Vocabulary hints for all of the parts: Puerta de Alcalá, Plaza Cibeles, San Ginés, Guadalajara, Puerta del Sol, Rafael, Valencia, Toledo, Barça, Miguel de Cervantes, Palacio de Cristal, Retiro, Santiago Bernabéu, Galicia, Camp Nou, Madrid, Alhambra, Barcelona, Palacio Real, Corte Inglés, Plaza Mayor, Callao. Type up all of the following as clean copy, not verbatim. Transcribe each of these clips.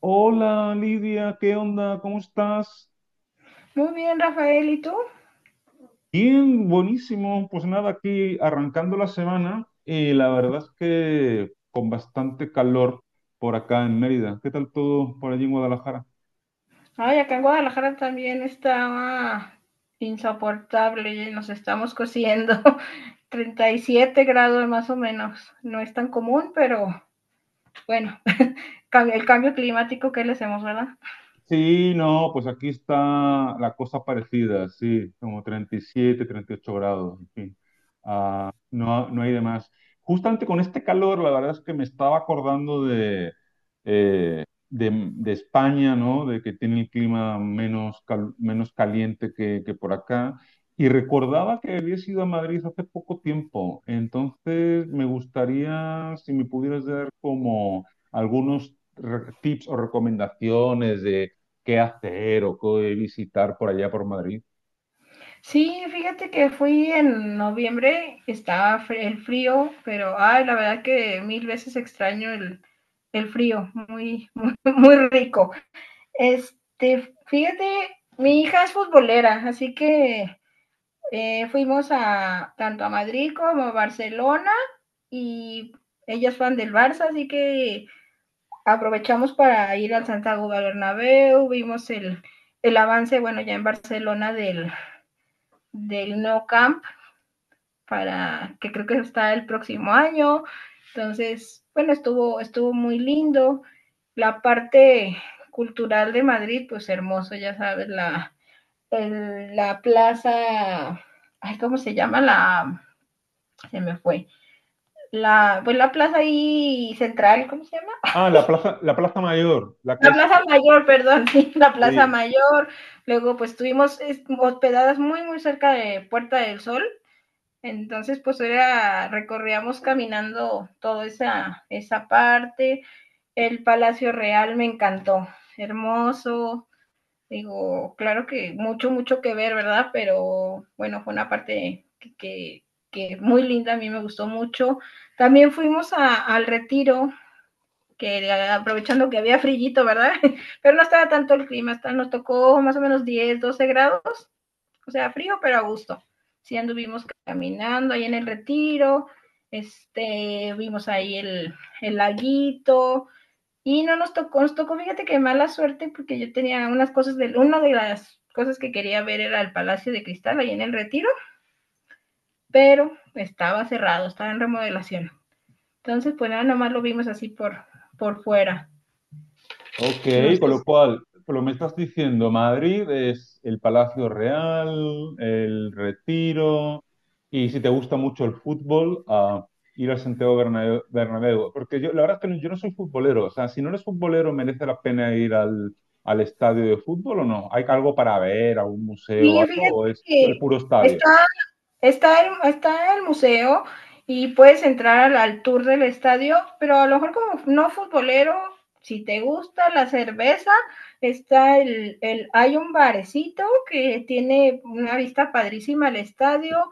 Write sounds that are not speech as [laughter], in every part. Hola Lidia, ¿qué onda? ¿Cómo estás? Muy bien, Rafael, ¿y tú? Bien, buenísimo. Pues nada, aquí arrancando la semana y la verdad es que con bastante calor por acá en Mérida. ¿Qué tal todo por allí en Guadalajara? Ay, acá en Guadalajara también estaba insoportable, nos estamos cociendo [laughs] 37 grados más o menos. No es tan común, pero bueno, el cambio climático que le hacemos, ¿verdad? Sí, no, pues aquí está la cosa parecida, sí, como treinta y siete, 38 grados, en fin. Ah, no, no hay de más. Justamente con este calor, la verdad es que me estaba acordando de España, ¿no? De que tiene el clima menos, menos caliente que por acá. Y recordaba que había ido a Madrid hace poco tiempo. Entonces, me gustaría, si me pudieras dar como algunos tips o recomendaciones de qué hacer o qué visitar por allá por Madrid. Sí, fíjate que fui en noviembre, estaba el frío, pero ay, la verdad que mil veces extraño el frío, muy, [laughs] muy, muy rico. Fíjate, mi hija es futbolera, así que fuimos a tanto a Madrid como a Barcelona, y ellas van del Barça, así que aprovechamos para ir al Santiago Bernabéu. Vimos el avance, bueno, ya en Barcelona del No Camp, para que creo que está el próximo año. Entonces, bueno, estuvo muy lindo. La parte cultural de Madrid, pues hermoso, ya sabes, la plaza, ay, ¿cómo se llama? La, se me fue, la, pues la plaza ahí central, ¿cómo se llama? Ah, la Plaza Mayor. La que La es... Plaza co- Mayor, [laughs] perdón, sí, la Plaza Sí, Mayor. Luego pues estuvimos hospedadas muy, muy cerca de Puerta del Sol. Entonces pues era, recorríamos caminando toda esa parte. El Palacio Real me encantó, hermoso. Digo, claro que mucho, mucho que ver, ¿verdad? Pero bueno, fue una parte que muy linda, a mí me gustó mucho. También fuimos al Retiro, que aprovechando que había frillito, ¿verdad? [laughs] Pero no estaba tanto el clima, hasta nos tocó más o menos 10, 12 grados, o sea, frío, pero a gusto. Sí anduvimos caminando ahí en el Retiro, vimos ahí el laguito, y no nos tocó, fíjate que mala suerte, porque yo tenía unas cosas una de las cosas que quería ver era el Palacio de Cristal ahí en el Retiro, pero estaba cerrado, estaba en remodelación. Entonces, pues nada, nomás lo vimos así por fuera. ok, No con sé si. lo cual, por lo que me estás diciendo, Madrid es el Palacio Real, el Retiro, y si te gusta mucho el fútbol, a ir al Santiago Bernabéu. Porque yo, la verdad es que yo no soy futbolero. O sea, si no eres futbolero, ¿merece la pena ir al estadio de fútbol o no? ¿Hay algo para ver, algún museo, Sí, algo, fíjate o es que el puro estadio? está, está el museo y puedes entrar al tour del estadio, pero a lo mejor como no futbolero, si te gusta la cerveza, está el hay un barecito que tiene una vista padrísima al estadio.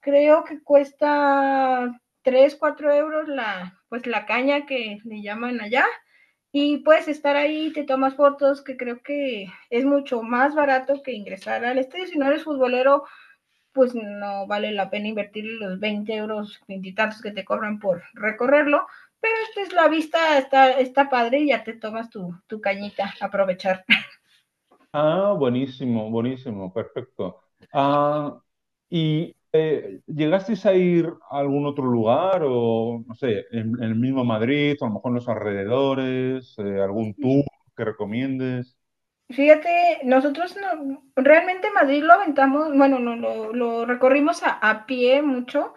Creo que cuesta 3 4 euros la, pues la caña que le llaman allá. Y puedes estar ahí, te tomas fotos, que creo que es mucho más barato que ingresar al estadio. Si no eres futbolero, pues no vale la pena invertir los 20 euros, 20 y tantos que te cobran por recorrerlo. Pero esta es la vista, está padre, y ya te tomas tu cañita, aprovechar. Ah, buenísimo, buenísimo, perfecto. Ah, ¿y llegasteis a ir a algún otro lugar o, no sé, en el mismo Madrid o a lo mejor en los alrededores, algún tour que recomiendes? Fíjate, nosotros no, realmente Madrid lo aventamos, bueno, no, lo recorrimos a pie mucho.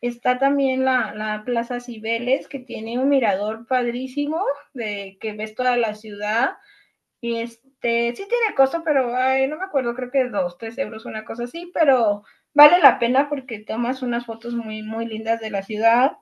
Está también la Plaza Cibeles, que tiene un mirador padrísimo, de que ves toda la ciudad. Y sí tiene costo, pero ay, no me acuerdo, creo que dos, tres euros, una cosa así, pero vale la pena porque tomas unas fotos muy, muy lindas de la ciudad.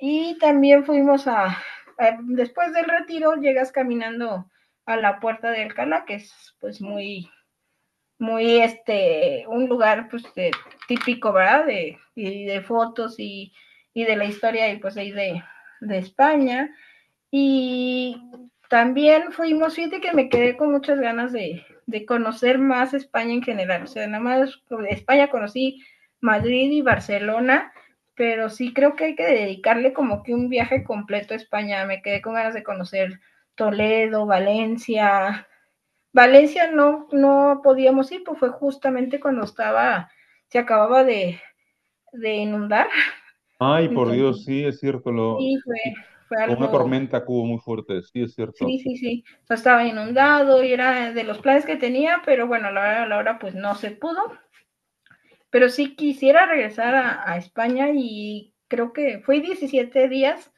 Y también fuimos después del Retiro, llegas caminando a la Puerta de Alcalá, que es pues muy, muy un lugar pues típico, ¿verdad? De, y de fotos y de la historia y pues ahí de España. Y también fuimos, fíjate que me quedé con muchas ganas de conocer más España en general. O sea, nada más pues, España conocí Madrid y Barcelona, pero sí creo que hay que dedicarle como que un viaje completo a España. Me quedé con ganas de conocer Toledo, Valencia. Valencia no, no podíamos ir, pues fue justamente cuando estaba, se acababa de inundar. Ay, por Entonces, Dios, sí, es cierto. Sí, fue, Sí, fue con una algo, tormenta que hubo muy fuerte, sí, es sí, cierto. sí, sí. O sea, estaba inundado y era de los planes que tenía, pero bueno, a la hora pues no se pudo. Pero sí quisiera regresar a España y creo que fue 17 días,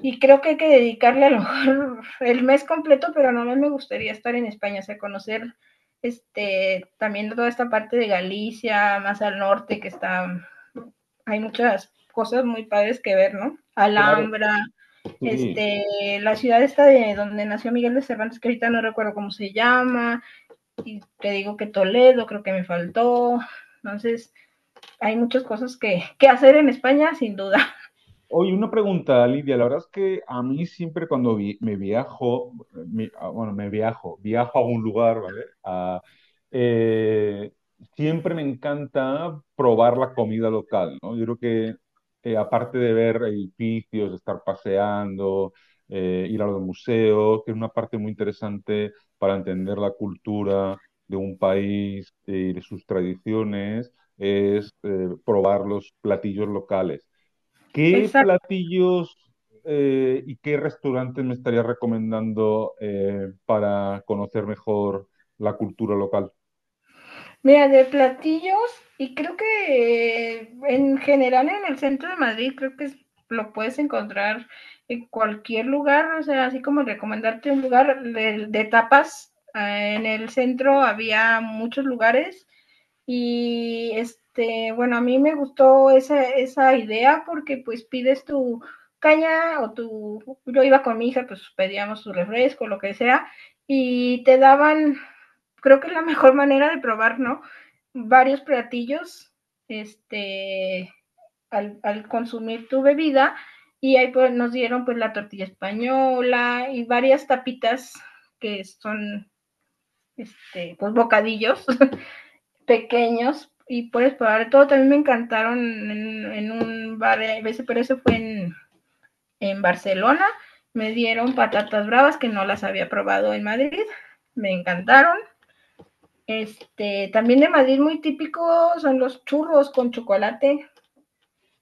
y creo que hay que dedicarle a lo mejor el mes completo, pero no me gustaría estar en España, o sea, conocer también toda esta parte de Galicia, más al norte, que está, hay muchas cosas muy padres que ver, ¿no? Claro, Alhambra, sí. este, la ciudad esta de donde nació Miguel de Cervantes, que ahorita no recuerdo cómo se llama, y te digo que Toledo creo que me faltó. Entonces hay muchas cosas que hacer en España, sin duda. Oye, una pregunta, Lidia. La verdad es que a mí siempre cuando vi- me viajo, mi- ah, bueno, viajo a un lugar, ¿vale? Ah, eh, siempre me encanta probar la comida local, ¿no? Yo creo que aparte de ver edificios, estar paseando, ir a los museos, que es una parte muy interesante para entender la cultura de un país, y de sus tradiciones, es probar los platillos locales. [laughs] ¿Qué Esa. platillos y qué restaurantes me estarías recomendando para conocer mejor la cultura local? Mira, de platillos, y creo que en general en el centro de Madrid, creo que lo puedes encontrar en cualquier lugar, o sea, así como recomendarte un lugar de tapas. Eh, en el centro había muchos lugares y bueno, a mí me gustó esa idea porque pues pides tu caña o yo iba con mi hija, pues pedíamos su refresco, lo que sea, y te daban, creo que es la mejor manera de probar, ¿no? Varios platillos, este, al consumir tu bebida, y ahí pues nos dieron pues la tortilla española y varias tapitas que son, pues bocadillos pequeños, y puedes probar todo. También me encantaron en un bar, pero eso fue en Barcelona. Me dieron patatas bravas que no las había probado en Madrid. Me encantaron. También de Madrid muy típico son los churros con chocolate.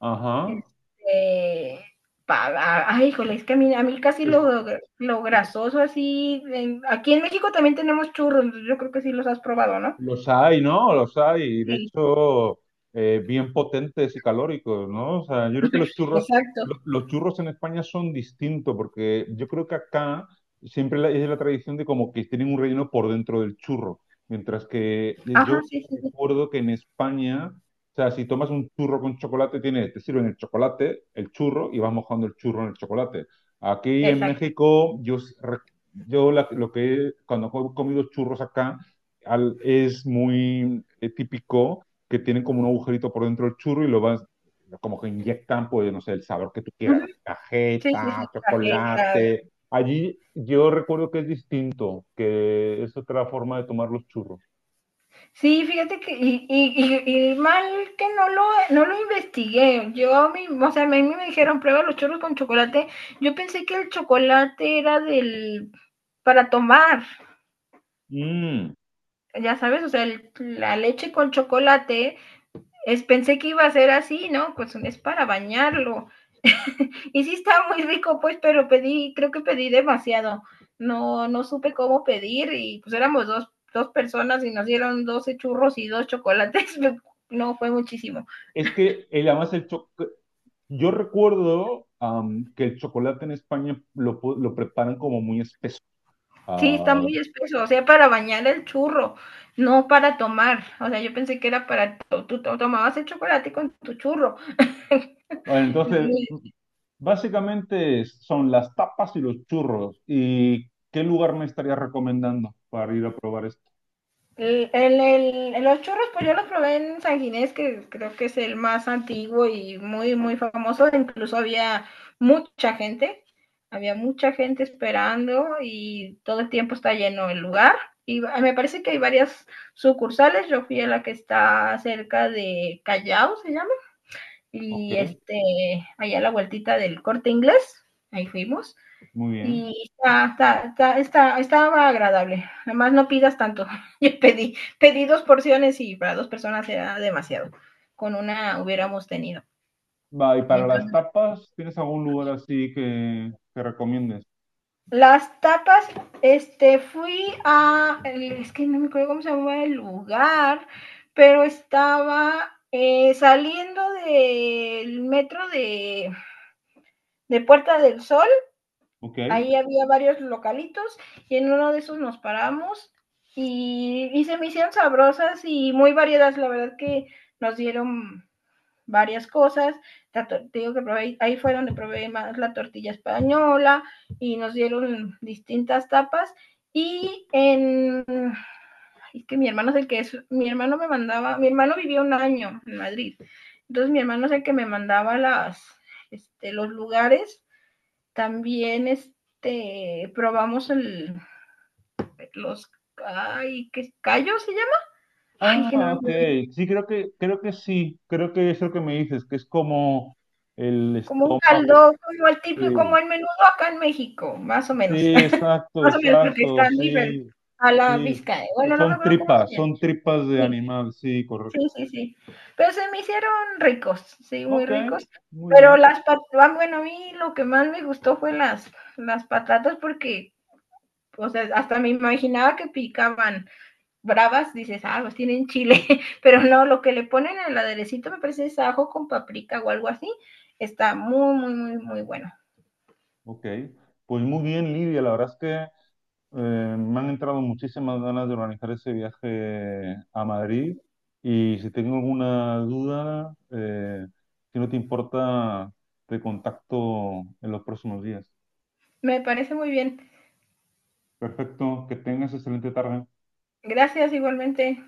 Ajá. Este, pa, ay, híjole, es que a mí casi Es- lo grasoso así. En aquí en México también tenemos churros, yo creo que sí los has probado, ¿no? Los hay, ¿no? Los hay, y de Sí, hecho, bien potentes y calóricos, ¿no? O sea, yo creo que los churros, exacto. Los churros en España son distintos, porque yo creo que acá siempre es la tradición de como que tienen un relleno por dentro del churro, mientras que Ajá, yo sí, sí, sí, recuerdo que en España, o sea, si tomas un churro con chocolate, tiene, te sirven el chocolate, el churro, y vas mojando el churro en el chocolate. Aquí en exacto. México, yo, s- re- yo la- lo que, cuando he comido churros acá, es muy típico que tienen como un agujerito por dentro del churro y lo vas, como que inyectan, pues, no sé, el sabor que tú Ujú. quieras, ¿no? Sí, sí, sí, Cajeta, tarjeta. chocolate. Allí yo recuerdo que es distinto, que es otra forma de tomar los churros. Sí, fíjate que, y mal que no lo investigué. Yo, mi, o sea, a mí me dijeron, prueba los churros con chocolate. Yo pensé que el chocolate era del, para tomar, Mm, ya sabes, o sea, la leche con chocolate, es, pensé que iba a ser así, ¿no? Pues es para bañarlo. Y sí está muy rico, pues, pero pedí, creo que pedí demasiado. No, no supe cómo pedir y pues éramos dos personas, y nos dieron 12 churros y dos chocolates. [laughs] No, fue muchísimo. es que además el yo recuerdo que el chocolate en España lo preparan como muy espeso. Sí, está Ah, muy espeso, o sea, para bañar el churro, no para tomar. O sea, yo pensé que era para, tú tomabas el chocolate con tu churro. bueno, entonces Muy. básicamente son las tapas y los churros. ¿Y qué lugar me estarías recomendando para ir a probar esto? El, el, los churros, pues yo los probé en San Ginés, que creo que es el más antiguo y muy, muy famoso. Incluso mucha gente, había mucha gente esperando y todo el tiempo está lleno el lugar. Y me parece que hay varias sucursales. Yo fui a la que está cerca de Callao, se llama, Ok, y allá a la vueltita del Corte Inglés, ahí fuimos. muy bien. Y estaba agradable. Además, no pidas tanto. [laughs] Yo pedí, pedí dos porciones y para dos personas era demasiado. Con una hubiéramos tenido. Va, y para las Entonces, tapas, ¿tienes algún lugar así que recomiendes? las tapas, fui a, es que no me acuerdo cómo se llama el lugar, pero estaba saliendo del metro de Puerta del Sol. Ok. Ahí había varios localitos y en uno de esos nos paramos, y se me hicieron sabrosas y muy variadas. La verdad que nos dieron varias cosas. Te digo que probé, ahí fue donde probé más la tortilla española, y nos dieron distintas tapas. Y en, es que mi hermano es el que es, mi hermano me mandaba, mi hermano vivía un año en Madrid. Entonces mi hermano es el que me mandaba las los lugares. También probamos el, los, ay, ¿qué callo se llama? Ay, que no Ah, me ok. acuerdo. Sí, creo que sí. Creo que es lo que me dices, que es como el Como un estado. caldo, como el típico, como Sí, el menudo acá en México, más o sí, menos. [laughs] exacto, Más o menos, porque exacto. están diferentes Sí, a la sí. vizca. Bueno, no me acuerdo cómo se llama. Son tripas de Sí, animal, sí, sí, correcto. sí, sí. Pero se me hicieron ricos, sí, muy Ok, ricos. muy bien. Pero las patatas, bueno, a mí lo que más me gustó fue las patatas porque, o sea, hasta me imaginaba que picaban bravas, dices, ah, pues tienen chile, [laughs] pero no, lo que le ponen al aderecito me parece es ajo con paprika o algo así. Está muy, muy, muy, muy bueno. Ok, pues muy bien, Lidia. La verdad es que me han entrado muchísimas ganas de organizar ese viaje a Madrid y si tengo alguna duda, si no te importa, te contacto en los próximos días. Me parece muy bien. Perfecto, que tengas excelente tarde. Gracias igualmente.